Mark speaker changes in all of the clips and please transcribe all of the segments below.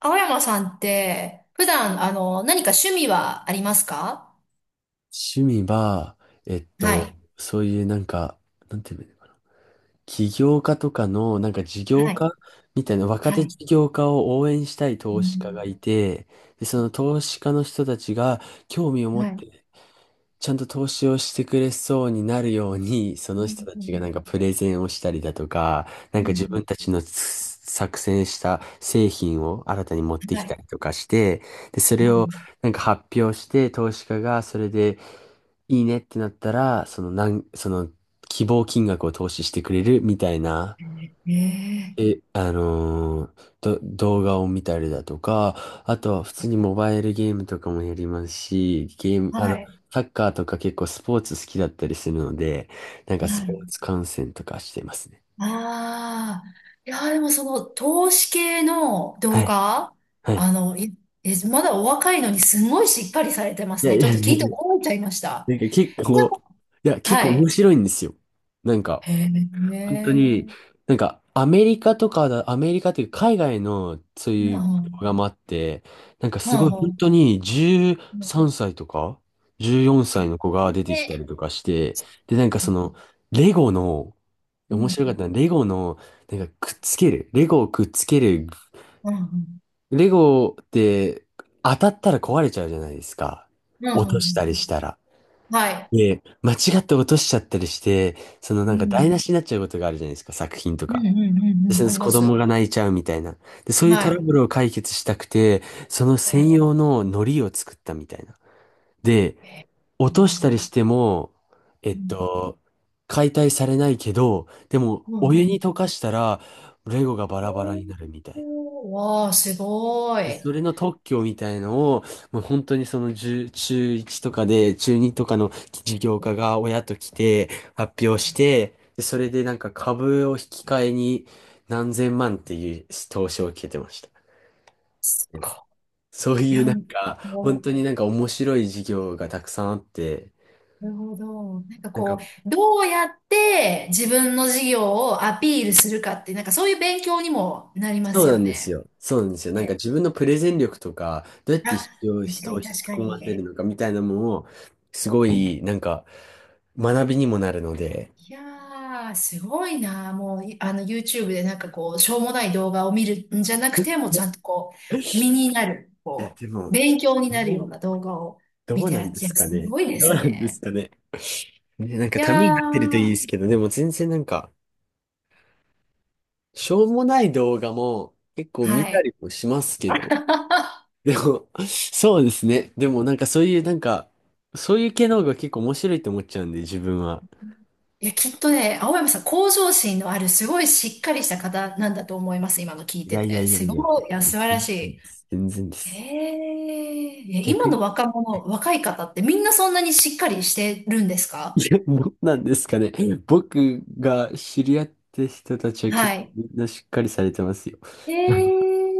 Speaker 1: 青山さんって、普段、何か趣味はありますか？
Speaker 2: 趣味は、えっ
Speaker 1: は
Speaker 2: と、
Speaker 1: い。
Speaker 2: そういうなんか、なんていうのかな、起業家とかの、なんか事業
Speaker 1: はい。
Speaker 2: 家みたいな、若
Speaker 1: は
Speaker 2: 手
Speaker 1: い。
Speaker 2: 事業家を応援したい
Speaker 1: う
Speaker 2: 投資家が
Speaker 1: ん。
Speaker 2: いて、で、その投資家の人たちが興味を持
Speaker 1: は
Speaker 2: っ
Speaker 1: い。う
Speaker 2: てちゃんと投資をしてくれそうになるように、その
Speaker 1: ん。
Speaker 2: 人た
Speaker 1: う
Speaker 2: ちがなん
Speaker 1: ん。
Speaker 2: かプレゼンをしたりだとか、なん
Speaker 1: う
Speaker 2: か自
Speaker 1: ん。
Speaker 2: 分たちの作成した製品を新たに持って
Speaker 1: は
Speaker 2: きた
Speaker 1: い。
Speaker 2: りとかして、で、それ
Speaker 1: う
Speaker 2: を
Speaker 1: ん。
Speaker 2: なんか発表して、投資家がそれでいいねってなったら、そのなん、その希望金額を投資してくれるみたいな、
Speaker 1: ええ。
Speaker 2: え、あのーど、動画を見たりだとか、あとは普通にモバイルゲームとかもやりますし、ゲーム、あ
Speaker 1: は
Speaker 2: の、
Speaker 1: い。
Speaker 2: サッカーとか結構スポーツ好きだったりするので、なんかス
Speaker 1: は
Speaker 2: ポー
Speaker 1: い。
Speaker 2: ツ観戦とかしてますね。
Speaker 1: ああ。いや、でもその、投資系の
Speaker 2: は
Speaker 1: 動
Speaker 2: い、
Speaker 1: 画、
Speaker 2: はい。
Speaker 1: いえ、まだお若いのにすごいしっかりされてま
Speaker 2: い
Speaker 1: す
Speaker 2: や
Speaker 1: ね。
Speaker 2: い
Speaker 1: ちょ
Speaker 2: や
Speaker 1: っと
Speaker 2: い
Speaker 1: 聞
Speaker 2: や、
Speaker 1: いて驚いちゃいました。
Speaker 2: なんか結
Speaker 1: なん
Speaker 2: 構、
Speaker 1: か、
Speaker 2: いや、結構
Speaker 1: は
Speaker 2: 面
Speaker 1: い。
Speaker 2: 白いんですよ。なんか、
Speaker 1: へえ。
Speaker 2: 本当
Speaker 1: ね
Speaker 2: に、なんか、アメリカというか海外のそう
Speaker 1: え。う
Speaker 2: いう動
Speaker 1: ん。
Speaker 2: 画もあって、なんか
Speaker 1: う
Speaker 2: すごい本
Speaker 1: ん。
Speaker 2: 当に
Speaker 1: うん。
Speaker 2: 13歳とか14
Speaker 1: え
Speaker 2: 歳の子が出てきた
Speaker 1: え。
Speaker 2: りとかして、で、なんかその、レゴの、
Speaker 1: う
Speaker 2: 面
Speaker 1: ん。
Speaker 2: 白かったのはレゴの、なんかくっつける、レゴをくっつける、
Speaker 1: うん。うん。
Speaker 2: レゴって当たったら壊れちゃうじゃないですか。
Speaker 1: うん。う
Speaker 2: 落
Speaker 1: ん。
Speaker 2: と
Speaker 1: う
Speaker 2: した
Speaker 1: ん。
Speaker 2: りしたら。
Speaker 1: はい。
Speaker 2: で、間違って落としちゃったりして、その
Speaker 1: う
Speaker 2: なんか台
Speaker 1: ん。
Speaker 2: 無しになっちゃうことがあるじゃないですか、作品と
Speaker 1: うん。
Speaker 2: か。
Speaker 1: うん。うん。
Speaker 2: そ
Speaker 1: う
Speaker 2: う
Speaker 1: ん。
Speaker 2: で
Speaker 1: あ
Speaker 2: す。
Speaker 1: りま
Speaker 2: 子供
Speaker 1: す。
Speaker 2: が泣いちゃうみたいな。で、そういう
Speaker 1: は
Speaker 2: トラ
Speaker 1: い。
Speaker 2: ブルを解決したくて、その
Speaker 1: は
Speaker 2: 専
Speaker 1: い。
Speaker 2: 用の糊を作ったみたいな。で、
Speaker 1: え
Speaker 2: 落としたり
Speaker 1: ー。
Speaker 2: しても、えっ
Speaker 1: うん。
Speaker 2: と、解体されないけど、でも
Speaker 1: うん。う
Speaker 2: お湯に
Speaker 1: ん。
Speaker 2: 溶かしたら、レゴがバラバラ
Speaker 1: おー。
Speaker 2: になるみたいな。
Speaker 1: おー、わあ、すご
Speaker 2: で、そ
Speaker 1: い。
Speaker 2: れの特許みたいのを、もう本当にその中1とかで、中2とかの事業家が親と来て発表して、で、それでなんか株を引き換えに何千万っていう投資を受けてました。
Speaker 1: す
Speaker 2: う
Speaker 1: ごい。
Speaker 2: んそう
Speaker 1: い
Speaker 2: いう
Speaker 1: や、
Speaker 2: なんか、本
Speaker 1: も
Speaker 2: 当になんか面白い事業がたくさんあって、
Speaker 1: う、なるほど。なんか
Speaker 2: なんか、
Speaker 1: こう、どうやって自分の事業をアピールするかって、なんかそういう勉強にもなりま
Speaker 2: そう
Speaker 1: す
Speaker 2: な
Speaker 1: よ
Speaker 2: んです
Speaker 1: ね。
Speaker 2: よ。そうなんですよ。なんか
Speaker 1: へ
Speaker 2: 自分のプレゼン力とか、どうやっ
Speaker 1: あ、
Speaker 2: て人を
Speaker 1: 確か
Speaker 2: 人を
Speaker 1: に、
Speaker 2: 引き
Speaker 1: 確か
Speaker 2: 込ませる
Speaker 1: に。
Speaker 2: のかみたいなのも、すごいなんか学びにもなるので、
Speaker 1: いやー、すごいな。もう、いあの、YouTube でなんかこう、しょうもない動画を見るんじゃなくて、もうちゃんとこう、身になる、
Speaker 2: いや、
Speaker 1: こ
Speaker 2: で
Speaker 1: う、
Speaker 2: も、
Speaker 1: 勉強になる
Speaker 2: ど
Speaker 1: よう
Speaker 2: う、
Speaker 1: な動画を
Speaker 2: ど
Speaker 1: 見
Speaker 2: う
Speaker 1: て
Speaker 2: な
Speaker 1: ら
Speaker 2: ん
Speaker 1: っ
Speaker 2: で
Speaker 1: しゃ
Speaker 2: す
Speaker 1: る。
Speaker 2: か
Speaker 1: す
Speaker 2: ね。
Speaker 1: ごいで
Speaker 2: どう
Speaker 1: す
Speaker 2: なんです
Speaker 1: ね。
Speaker 2: かね。ね、なんか
Speaker 1: いや
Speaker 2: ためになってるといいで
Speaker 1: ー、
Speaker 2: すけど、でも全然なんか、しょうもない動画も結構
Speaker 1: は
Speaker 2: 見た
Speaker 1: い。
Speaker 2: りもしますけど。でも、そうですね。でもなんかそういう系の方が結構面白いと思っちゃうんで、自分は。
Speaker 1: いや、きっとね、青山さん、向上心のある、すごいしっかりした方なんだと思います。今の聞い
Speaker 2: い
Speaker 1: て
Speaker 2: やいや
Speaker 1: て。
Speaker 2: いや
Speaker 1: す
Speaker 2: いや、
Speaker 1: ごい、いや、素晴
Speaker 2: 全
Speaker 1: らし
Speaker 2: 然
Speaker 1: い。
Speaker 2: です。全然で
Speaker 1: え
Speaker 2: す。
Speaker 1: え、いや、今
Speaker 2: 逆
Speaker 1: の
Speaker 2: に、
Speaker 1: 若い方ってみんなそんなにしっかりしてるんです
Speaker 2: い
Speaker 1: か？
Speaker 2: や、もうなんですかね。僕が知り合った人たちは結
Speaker 1: は
Speaker 2: 構
Speaker 1: い。
Speaker 2: みんなしっかりされてますよ。
Speaker 1: へ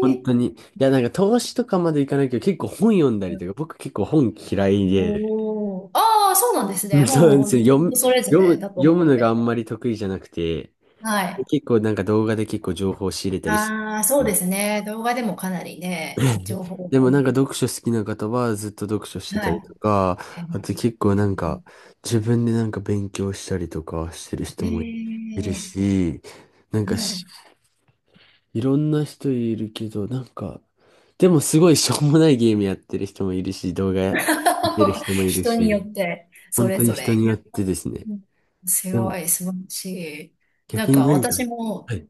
Speaker 2: 本
Speaker 1: え。
Speaker 2: 当に。いや、なんか投資とかまでいかないけど、結構本読んだりとか、
Speaker 1: お
Speaker 2: 僕結構本嫌いで、
Speaker 1: お。ああ、そうなんです
Speaker 2: うん
Speaker 1: ね。も
Speaker 2: そ
Speaker 1: う、
Speaker 2: うなんで
Speaker 1: もう
Speaker 2: すよ。
Speaker 1: 全然人それぞれだと
Speaker 2: 読
Speaker 1: 思
Speaker 2: む
Speaker 1: っ
Speaker 2: のがあ
Speaker 1: て。
Speaker 2: んまり得意じゃなくて、
Speaker 1: はい。
Speaker 2: 結構なんか動画で結構情報を仕入れたりす
Speaker 1: ああ、そう
Speaker 2: るん
Speaker 1: で
Speaker 2: で
Speaker 1: す
Speaker 2: す
Speaker 1: ね。動画でもかなり
Speaker 2: けど。
Speaker 1: ね、情 報。
Speaker 2: でもなんか読書好きな方はずっと読書して
Speaker 1: は
Speaker 2: たりと
Speaker 1: い。
Speaker 2: か、あと結構なんか自分でなんか勉強したりとかしてる人もいる
Speaker 1: ええ。
Speaker 2: し、なんか
Speaker 1: はい。
Speaker 2: いろんな人いるけど、なんか、でもすごいしょうもないゲームやってる人もいるし、動画見てる 人もいる
Speaker 1: 人によ
Speaker 2: し、
Speaker 1: って、そ
Speaker 2: 本
Speaker 1: れ
Speaker 2: 当に
Speaker 1: ぞ
Speaker 2: 人
Speaker 1: れ。
Speaker 2: に
Speaker 1: い
Speaker 2: よ
Speaker 1: や。
Speaker 2: ってですね。
Speaker 1: うん。す
Speaker 2: で
Speaker 1: ご
Speaker 2: も、
Speaker 1: い、素晴らしい。な
Speaker 2: 逆
Speaker 1: ん
Speaker 2: に
Speaker 1: か
Speaker 2: 何か、
Speaker 1: 私
Speaker 2: は
Speaker 1: も
Speaker 2: い、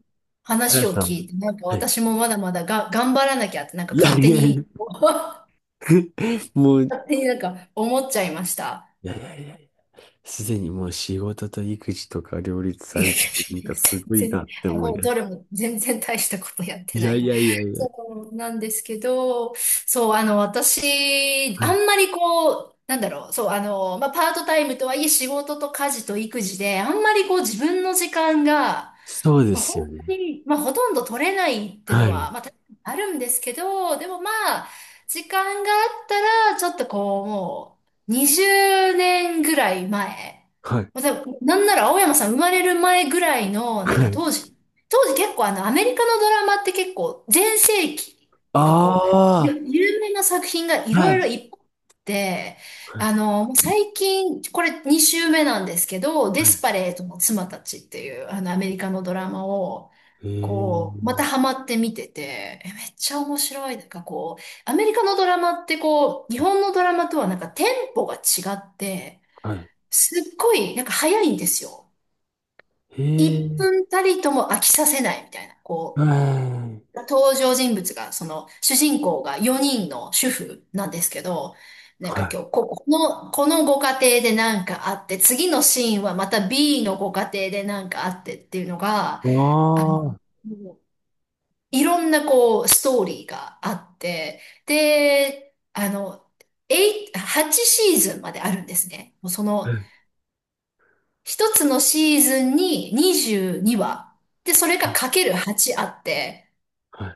Speaker 2: あや
Speaker 1: 話を
Speaker 2: さ
Speaker 1: 聞
Speaker 2: ん、
Speaker 1: いて、なんか
Speaker 2: はい。
Speaker 1: 私もまだまだが頑張らなきゃって、なんか
Speaker 2: いや
Speaker 1: 勝
Speaker 2: い
Speaker 1: 手
Speaker 2: やいや、
Speaker 1: に、
Speaker 2: い
Speaker 1: 勝手になんか思っちゃいました。
Speaker 2: やいやいやいや、すでにもう仕事と育児とか両立 さ
Speaker 1: いやい
Speaker 2: れて、なん
Speaker 1: やい
Speaker 2: か
Speaker 1: や、
Speaker 2: すごい
Speaker 1: 全
Speaker 2: な
Speaker 1: 然、
Speaker 2: って
Speaker 1: あ、
Speaker 2: 思い
Speaker 1: もう
Speaker 2: ます。
Speaker 1: どれも全然大したことやって
Speaker 2: い
Speaker 1: な
Speaker 2: やい
Speaker 1: い。
Speaker 2: やいや いや、
Speaker 1: そうなんですけど、そう、私、
Speaker 2: は
Speaker 1: あ
Speaker 2: い。
Speaker 1: んまりこう、なんだろう、そう、まあ、パートタイムとはいえ仕事と家事と育児で、あんまりこう自分の時間が、
Speaker 2: そうで
Speaker 1: まあ、
Speaker 2: すよ
Speaker 1: 本当
Speaker 2: ね。
Speaker 1: に、まあ、ほとんど取れないっていう
Speaker 2: は
Speaker 1: の
Speaker 2: い、
Speaker 1: は、まあ、確かにあるんですけど、でもまあ、時間があったら、ちょっとこう、もう、20年ぐらい前。
Speaker 2: はい、
Speaker 1: まあ、多分なんなら青山さん生まれる前ぐらいの、なん
Speaker 2: は
Speaker 1: か
Speaker 2: い。
Speaker 1: 当時結構、アメリカのドラマって結構、全盛期っていうかこう、ゆ
Speaker 2: あ
Speaker 1: 有名な作品がい
Speaker 2: あ、は
Speaker 1: ろいろ
Speaker 2: い、
Speaker 1: いっぱいあって、
Speaker 2: はい、
Speaker 1: 最近、これ2週目なんですけど、デ
Speaker 2: は
Speaker 1: スパレートの妻たちっていう、アメリカのドラマを、
Speaker 2: い。へえ
Speaker 1: こう、ま
Speaker 2: ー。
Speaker 1: たハマって見てて、え、めっちゃ面白い。なんかこう、アメリカのドラマってこう、日本のドラマとはなんかテンポが違って、
Speaker 2: はい。
Speaker 1: すっごい、なんか早いんですよ。
Speaker 2: へ
Speaker 1: 1
Speaker 2: え、
Speaker 1: 分たりとも飽きさせないみたいな、
Speaker 2: は
Speaker 1: こ
Speaker 2: い。
Speaker 1: 登場人物が、その、主人公が4人の主婦なんですけど、なんか
Speaker 2: はい。
Speaker 1: 今日、このご家庭でなんかあって、次のシーンはまた B のご家庭でなんかあってっていうのが、
Speaker 2: あ
Speaker 1: あの、
Speaker 2: あ、は
Speaker 1: もういろんなこう、ストーリーがあって、で、8、8シーズンまであるんですね。もうその、
Speaker 2: い
Speaker 1: 一つのシーズンに22話。で、それがかける8あって、
Speaker 2: は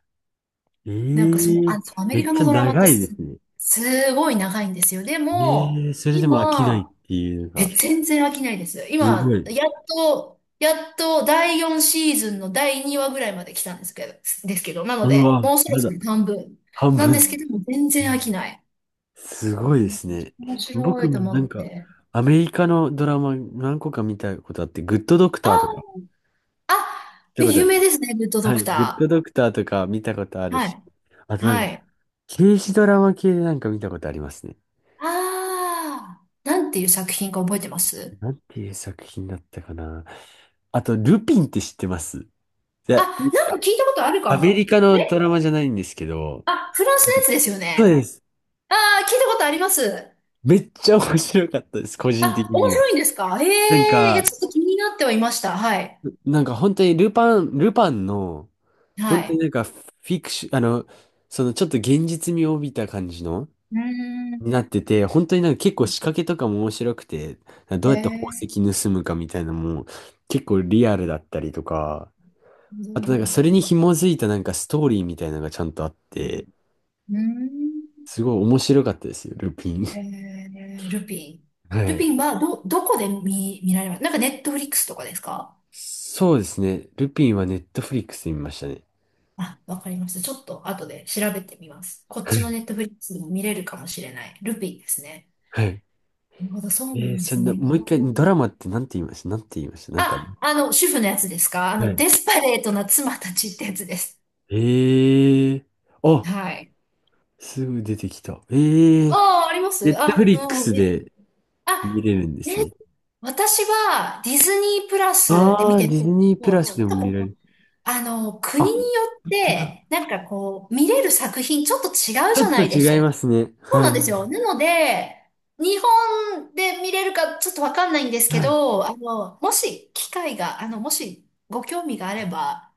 Speaker 2: い。え
Speaker 1: なんかそのあ、
Speaker 2: え、
Speaker 1: そうアメ
Speaker 2: め
Speaker 1: リ
Speaker 2: っ
Speaker 1: カ
Speaker 2: ち
Speaker 1: の
Speaker 2: ゃ
Speaker 1: ドラマって、
Speaker 2: 長いで
Speaker 1: す、
Speaker 2: すね。
Speaker 1: すごい長いんですよ。でも、
Speaker 2: ええ、それでも飽きないっ
Speaker 1: 今、
Speaker 2: ていうの
Speaker 1: え、
Speaker 2: が、
Speaker 1: 全然飽きないです。
Speaker 2: すご
Speaker 1: 今、
Speaker 2: い。
Speaker 1: やっと第4シーズンの第2話ぐらいまで来たんですけど、なの
Speaker 2: う
Speaker 1: で、
Speaker 2: わ、
Speaker 1: もうそろ
Speaker 2: ま
Speaker 1: そ
Speaker 2: だ
Speaker 1: ろ半分
Speaker 2: 半
Speaker 1: なんですけ
Speaker 2: 分。
Speaker 1: ども、全然飽きない。
Speaker 2: すごいですね。
Speaker 1: 面白
Speaker 2: 僕
Speaker 1: いと
Speaker 2: も
Speaker 1: 思
Speaker 2: な
Speaker 1: っ
Speaker 2: んか、
Speaker 1: て。
Speaker 2: アメリカのドラマ何個か見たことあって、グッドドクターとか、見
Speaker 1: あ、あ、
Speaker 2: たことあ
Speaker 1: 有
Speaker 2: る。
Speaker 1: 名ですね、グッドド
Speaker 2: は
Speaker 1: ク
Speaker 2: い、グッド
Speaker 1: タ
Speaker 2: ドクターとか見たことあ
Speaker 1: ー。
Speaker 2: る
Speaker 1: は
Speaker 2: し、
Speaker 1: い。
Speaker 2: あとなん
Speaker 1: は
Speaker 2: か、
Speaker 1: い。
Speaker 2: 刑事ドラマ系でなんか見たことありますね。
Speaker 1: ああ、なんていう作品か覚えてます？
Speaker 2: なんていう作品だったかな。あと、ルピンって知ってますい
Speaker 1: あ、
Speaker 2: や、
Speaker 1: なんか
Speaker 2: あ
Speaker 1: 聞いたことあるか
Speaker 2: アメ
Speaker 1: も。
Speaker 2: リカのドラマじゃないんですけど、
Speaker 1: あ、フランス
Speaker 2: な
Speaker 1: の
Speaker 2: ん
Speaker 1: やつ
Speaker 2: か
Speaker 1: ですよ
Speaker 2: そう
Speaker 1: ね。
Speaker 2: です。
Speaker 1: ああ、聞いたことあります。
Speaker 2: めっちゃ面白かったです、個人的
Speaker 1: あ、面
Speaker 2: には。
Speaker 1: 白いんですか？へ
Speaker 2: なん
Speaker 1: え、いや、
Speaker 2: か、
Speaker 1: ちょっと気になってはいました。はい。
Speaker 2: 本当にルパンの、
Speaker 1: は
Speaker 2: 本当に
Speaker 1: い。
Speaker 2: なんかフィクション、そのちょっと現実味を帯びた感じの、
Speaker 1: うーん。
Speaker 2: になってて、本当になんか結構仕掛けとかも面白くて、ど
Speaker 1: え
Speaker 2: うやって宝
Speaker 1: え、
Speaker 2: 石盗むかみたいなのも結構リアルだったりとか、
Speaker 1: う
Speaker 2: あと、なんかそ
Speaker 1: ん。
Speaker 2: れに紐づいたなんかストーリーみたいなのがちゃんとあって、
Speaker 1: うーん。
Speaker 2: すごい面白かったですよ、ルピン。
Speaker 1: えルピン。
Speaker 2: は
Speaker 1: ルピン
Speaker 2: い。
Speaker 1: は、どこで見られます？なんかネットフリックスとかですか？
Speaker 2: そうですね。ルピンはネットフリックスで見ましたね。
Speaker 1: あ、わかりました。ちょっと後で調べてみます。こっ
Speaker 2: は
Speaker 1: ちの
Speaker 2: い
Speaker 1: ネットフリックスでも見れるかもしれない。ルピンですね。
Speaker 2: はい。
Speaker 1: なるほど、そうなんで
Speaker 2: そ
Speaker 1: す
Speaker 2: んな、
Speaker 1: ね。
Speaker 2: もう一回、ドラマってなんて言いました？なんか、
Speaker 1: あ、主婦のやつですか？
Speaker 2: はい。
Speaker 1: デスパレートな妻たちってやつです。
Speaker 2: えーあ、
Speaker 1: はい。
Speaker 2: すぐ出てきた。
Speaker 1: ああ、あります。
Speaker 2: ネットフ
Speaker 1: あ、
Speaker 2: リック
Speaker 1: うん、
Speaker 2: ス
Speaker 1: ね、
Speaker 2: で見
Speaker 1: あ、
Speaker 2: れるんで
Speaker 1: ね、
Speaker 2: すね。
Speaker 1: 私はディズニープラスで見て
Speaker 2: ディ
Speaker 1: たん
Speaker 2: ズ
Speaker 1: ですけ
Speaker 2: ニープ
Speaker 1: ど、
Speaker 2: ラ
Speaker 1: ち
Speaker 2: ス
Speaker 1: ょ
Speaker 2: で
Speaker 1: っ
Speaker 2: も
Speaker 1: と
Speaker 2: 見
Speaker 1: こ
Speaker 2: られ
Speaker 1: の、
Speaker 2: る。あ、
Speaker 1: 国によっ
Speaker 2: 本当だ。
Speaker 1: て、なんかこう、見れる作品ちょっと違う
Speaker 2: ち
Speaker 1: じ
Speaker 2: ょ
Speaker 1: ゃ
Speaker 2: っと
Speaker 1: ないで
Speaker 2: 違
Speaker 1: す
Speaker 2: い
Speaker 1: か。
Speaker 2: ますね。
Speaker 1: そう
Speaker 2: は
Speaker 1: なん
Speaker 2: い。
Speaker 1: ですよ。なので、日本で見れるかちょっとわかんないんですけ
Speaker 2: はい。
Speaker 1: ど、もし機会が、もしご興味があれば、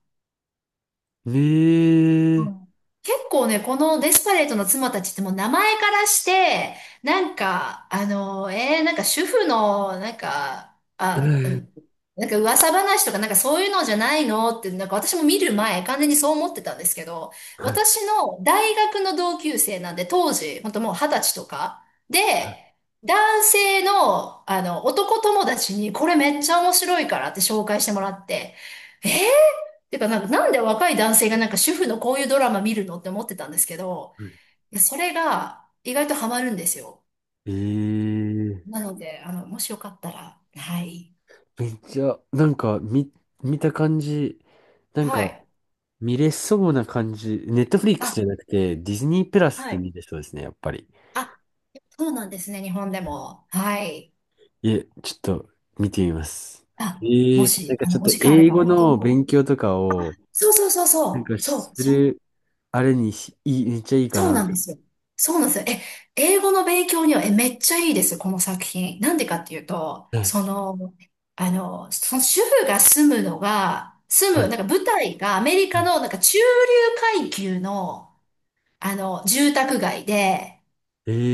Speaker 1: う
Speaker 2: ええ
Speaker 1: ん。結構ね、このデスパレートの妻たちってもう名前からして、なんか、なんか主婦の、なんか、あ、う
Speaker 2: ええ
Speaker 1: ん、なんか噂話とかなんかそういうのじゃないのって、なんか私も見る前、完全にそう思ってたんですけど、
Speaker 2: はい。
Speaker 1: 私の大学の同級生なんで、当時、本当もう二十歳とか、で、男性の、男友達に、これめっちゃ面白いからって紹介してもらって、えーてか、なんか、なんで若い男性がなんか主婦のこういうドラマ見るのって思ってたんですけど、いや、それが意外とハマるんですよ。
Speaker 2: ええ
Speaker 1: なので、もしよかったら、はい。
Speaker 2: めっちゃ、なんか、見た感じ、なん
Speaker 1: は
Speaker 2: か、
Speaker 1: い。
Speaker 2: 見れそうな感じ。ネットフリックスじゃ
Speaker 1: あ、
Speaker 2: なくて、ディズニープラス
Speaker 1: は
Speaker 2: で
Speaker 1: い。
Speaker 2: 見れそうですね、やっぱり。
Speaker 1: あ、そうなんですね、日本でも。はい。
Speaker 2: いえ、ちょっと、見てみます。
Speaker 1: あ、
Speaker 2: え
Speaker 1: も
Speaker 2: えなん
Speaker 1: し、
Speaker 2: かちょっ
Speaker 1: お
Speaker 2: と
Speaker 1: 時間あれ
Speaker 2: 英
Speaker 1: ば、
Speaker 2: 語
Speaker 1: 本当
Speaker 2: の
Speaker 1: も
Speaker 2: 勉
Speaker 1: う。
Speaker 2: 強とかを、
Speaker 1: そうそうそう
Speaker 2: なん
Speaker 1: そ
Speaker 2: か
Speaker 1: う。そ
Speaker 2: す
Speaker 1: う。
Speaker 2: る、あれにし、いい、めっちゃいいか
Speaker 1: そう
Speaker 2: な。
Speaker 1: なんですよ。そうなんですよ。え、英語の勉強には、え、めっちゃいいです、この作品。なんでかっていうと、
Speaker 2: はい、
Speaker 1: その、その主婦が住
Speaker 2: は
Speaker 1: む、
Speaker 2: い、
Speaker 1: なんか舞台がアメリ
Speaker 2: は
Speaker 1: カ
Speaker 2: い。
Speaker 1: のなんか中流階級の、住宅街で、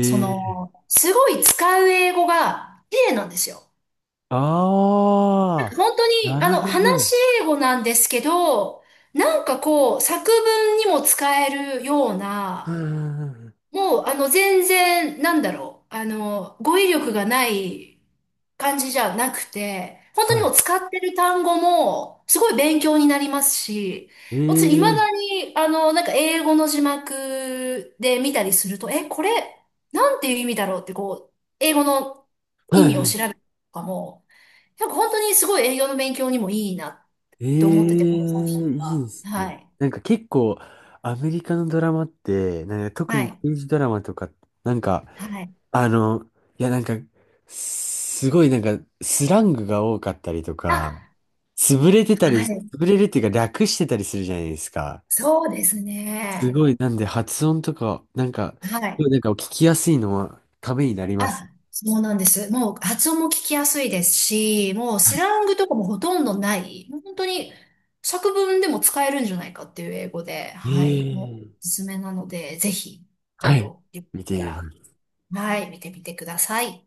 Speaker 1: そ
Speaker 2: え
Speaker 1: の、すごい使う英語が綺麗なんですよ。
Speaker 2: ああ
Speaker 1: 本当
Speaker 2: ー、
Speaker 1: に、
Speaker 2: なるほ
Speaker 1: 話
Speaker 2: ど。
Speaker 1: し英語なんですけど、なんかこう、作文にも使えるよう
Speaker 2: うん
Speaker 1: な、
Speaker 2: うんうん
Speaker 1: もう、全然、なんだろう。語彙力がない感じじゃなくて、本当
Speaker 2: は
Speaker 1: に
Speaker 2: い。
Speaker 1: もう使ってる単語も、すごい勉強になりますし、私、未だ
Speaker 2: ええ
Speaker 1: に、なんか英語の字幕で見たりすると、え、これ、なんていう意味だろうって、こう、英語の意
Speaker 2: は
Speaker 1: 味
Speaker 2: いは
Speaker 1: を
Speaker 2: い。
Speaker 1: 調べるとかも、なんか本当にすごい英語の勉強にもいいなっ
Speaker 2: え
Speaker 1: て思ってて、
Speaker 2: え
Speaker 1: この作品
Speaker 2: いいで
Speaker 1: は。
Speaker 2: すね。
Speaker 1: はい。
Speaker 2: なんか結構、アメリカのドラマって、なんか特
Speaker 1: は
Speaker 2: に
Speaker 1: い。
Speaker 2: 刑事ドラマとか、なんか、
Speaker 1: はい。
Speaker 2: あの、いやなんか、すごいなんか、スラングが多かったりとか、
Speaker 1: あ、はい。
Speaker 2: 潰れるっていうか略してたりするじゃないですか。
Speaker 1: そうです
Speaker 2: す
Speaker 1: ね。
Speaker 2: ごい、なんで発音とか、なんか、
Speaker 1: は
Speaker 2: すご
Speaker 1: い。
Speaker 2: いなんか聞きやすいのはためになります。
Speaker 1: あ、そうなんです。もう発音も聞きやすいですし、もうスラングとかもほとんどない、もう本当に作文でも使えるんじゃないかっていう英語で、はい、もうお
Speaker 2: ええ
Speaker 1: すすめなので、ぜひ、
Speaker 2: はい。
Speaker 1: よか
Speaker 2: 見て
Speaker 1: った
Speaker 2: みま
Speaker 1: ら、
Speaker 2: す。
Speaker 1: はい、見てみてください。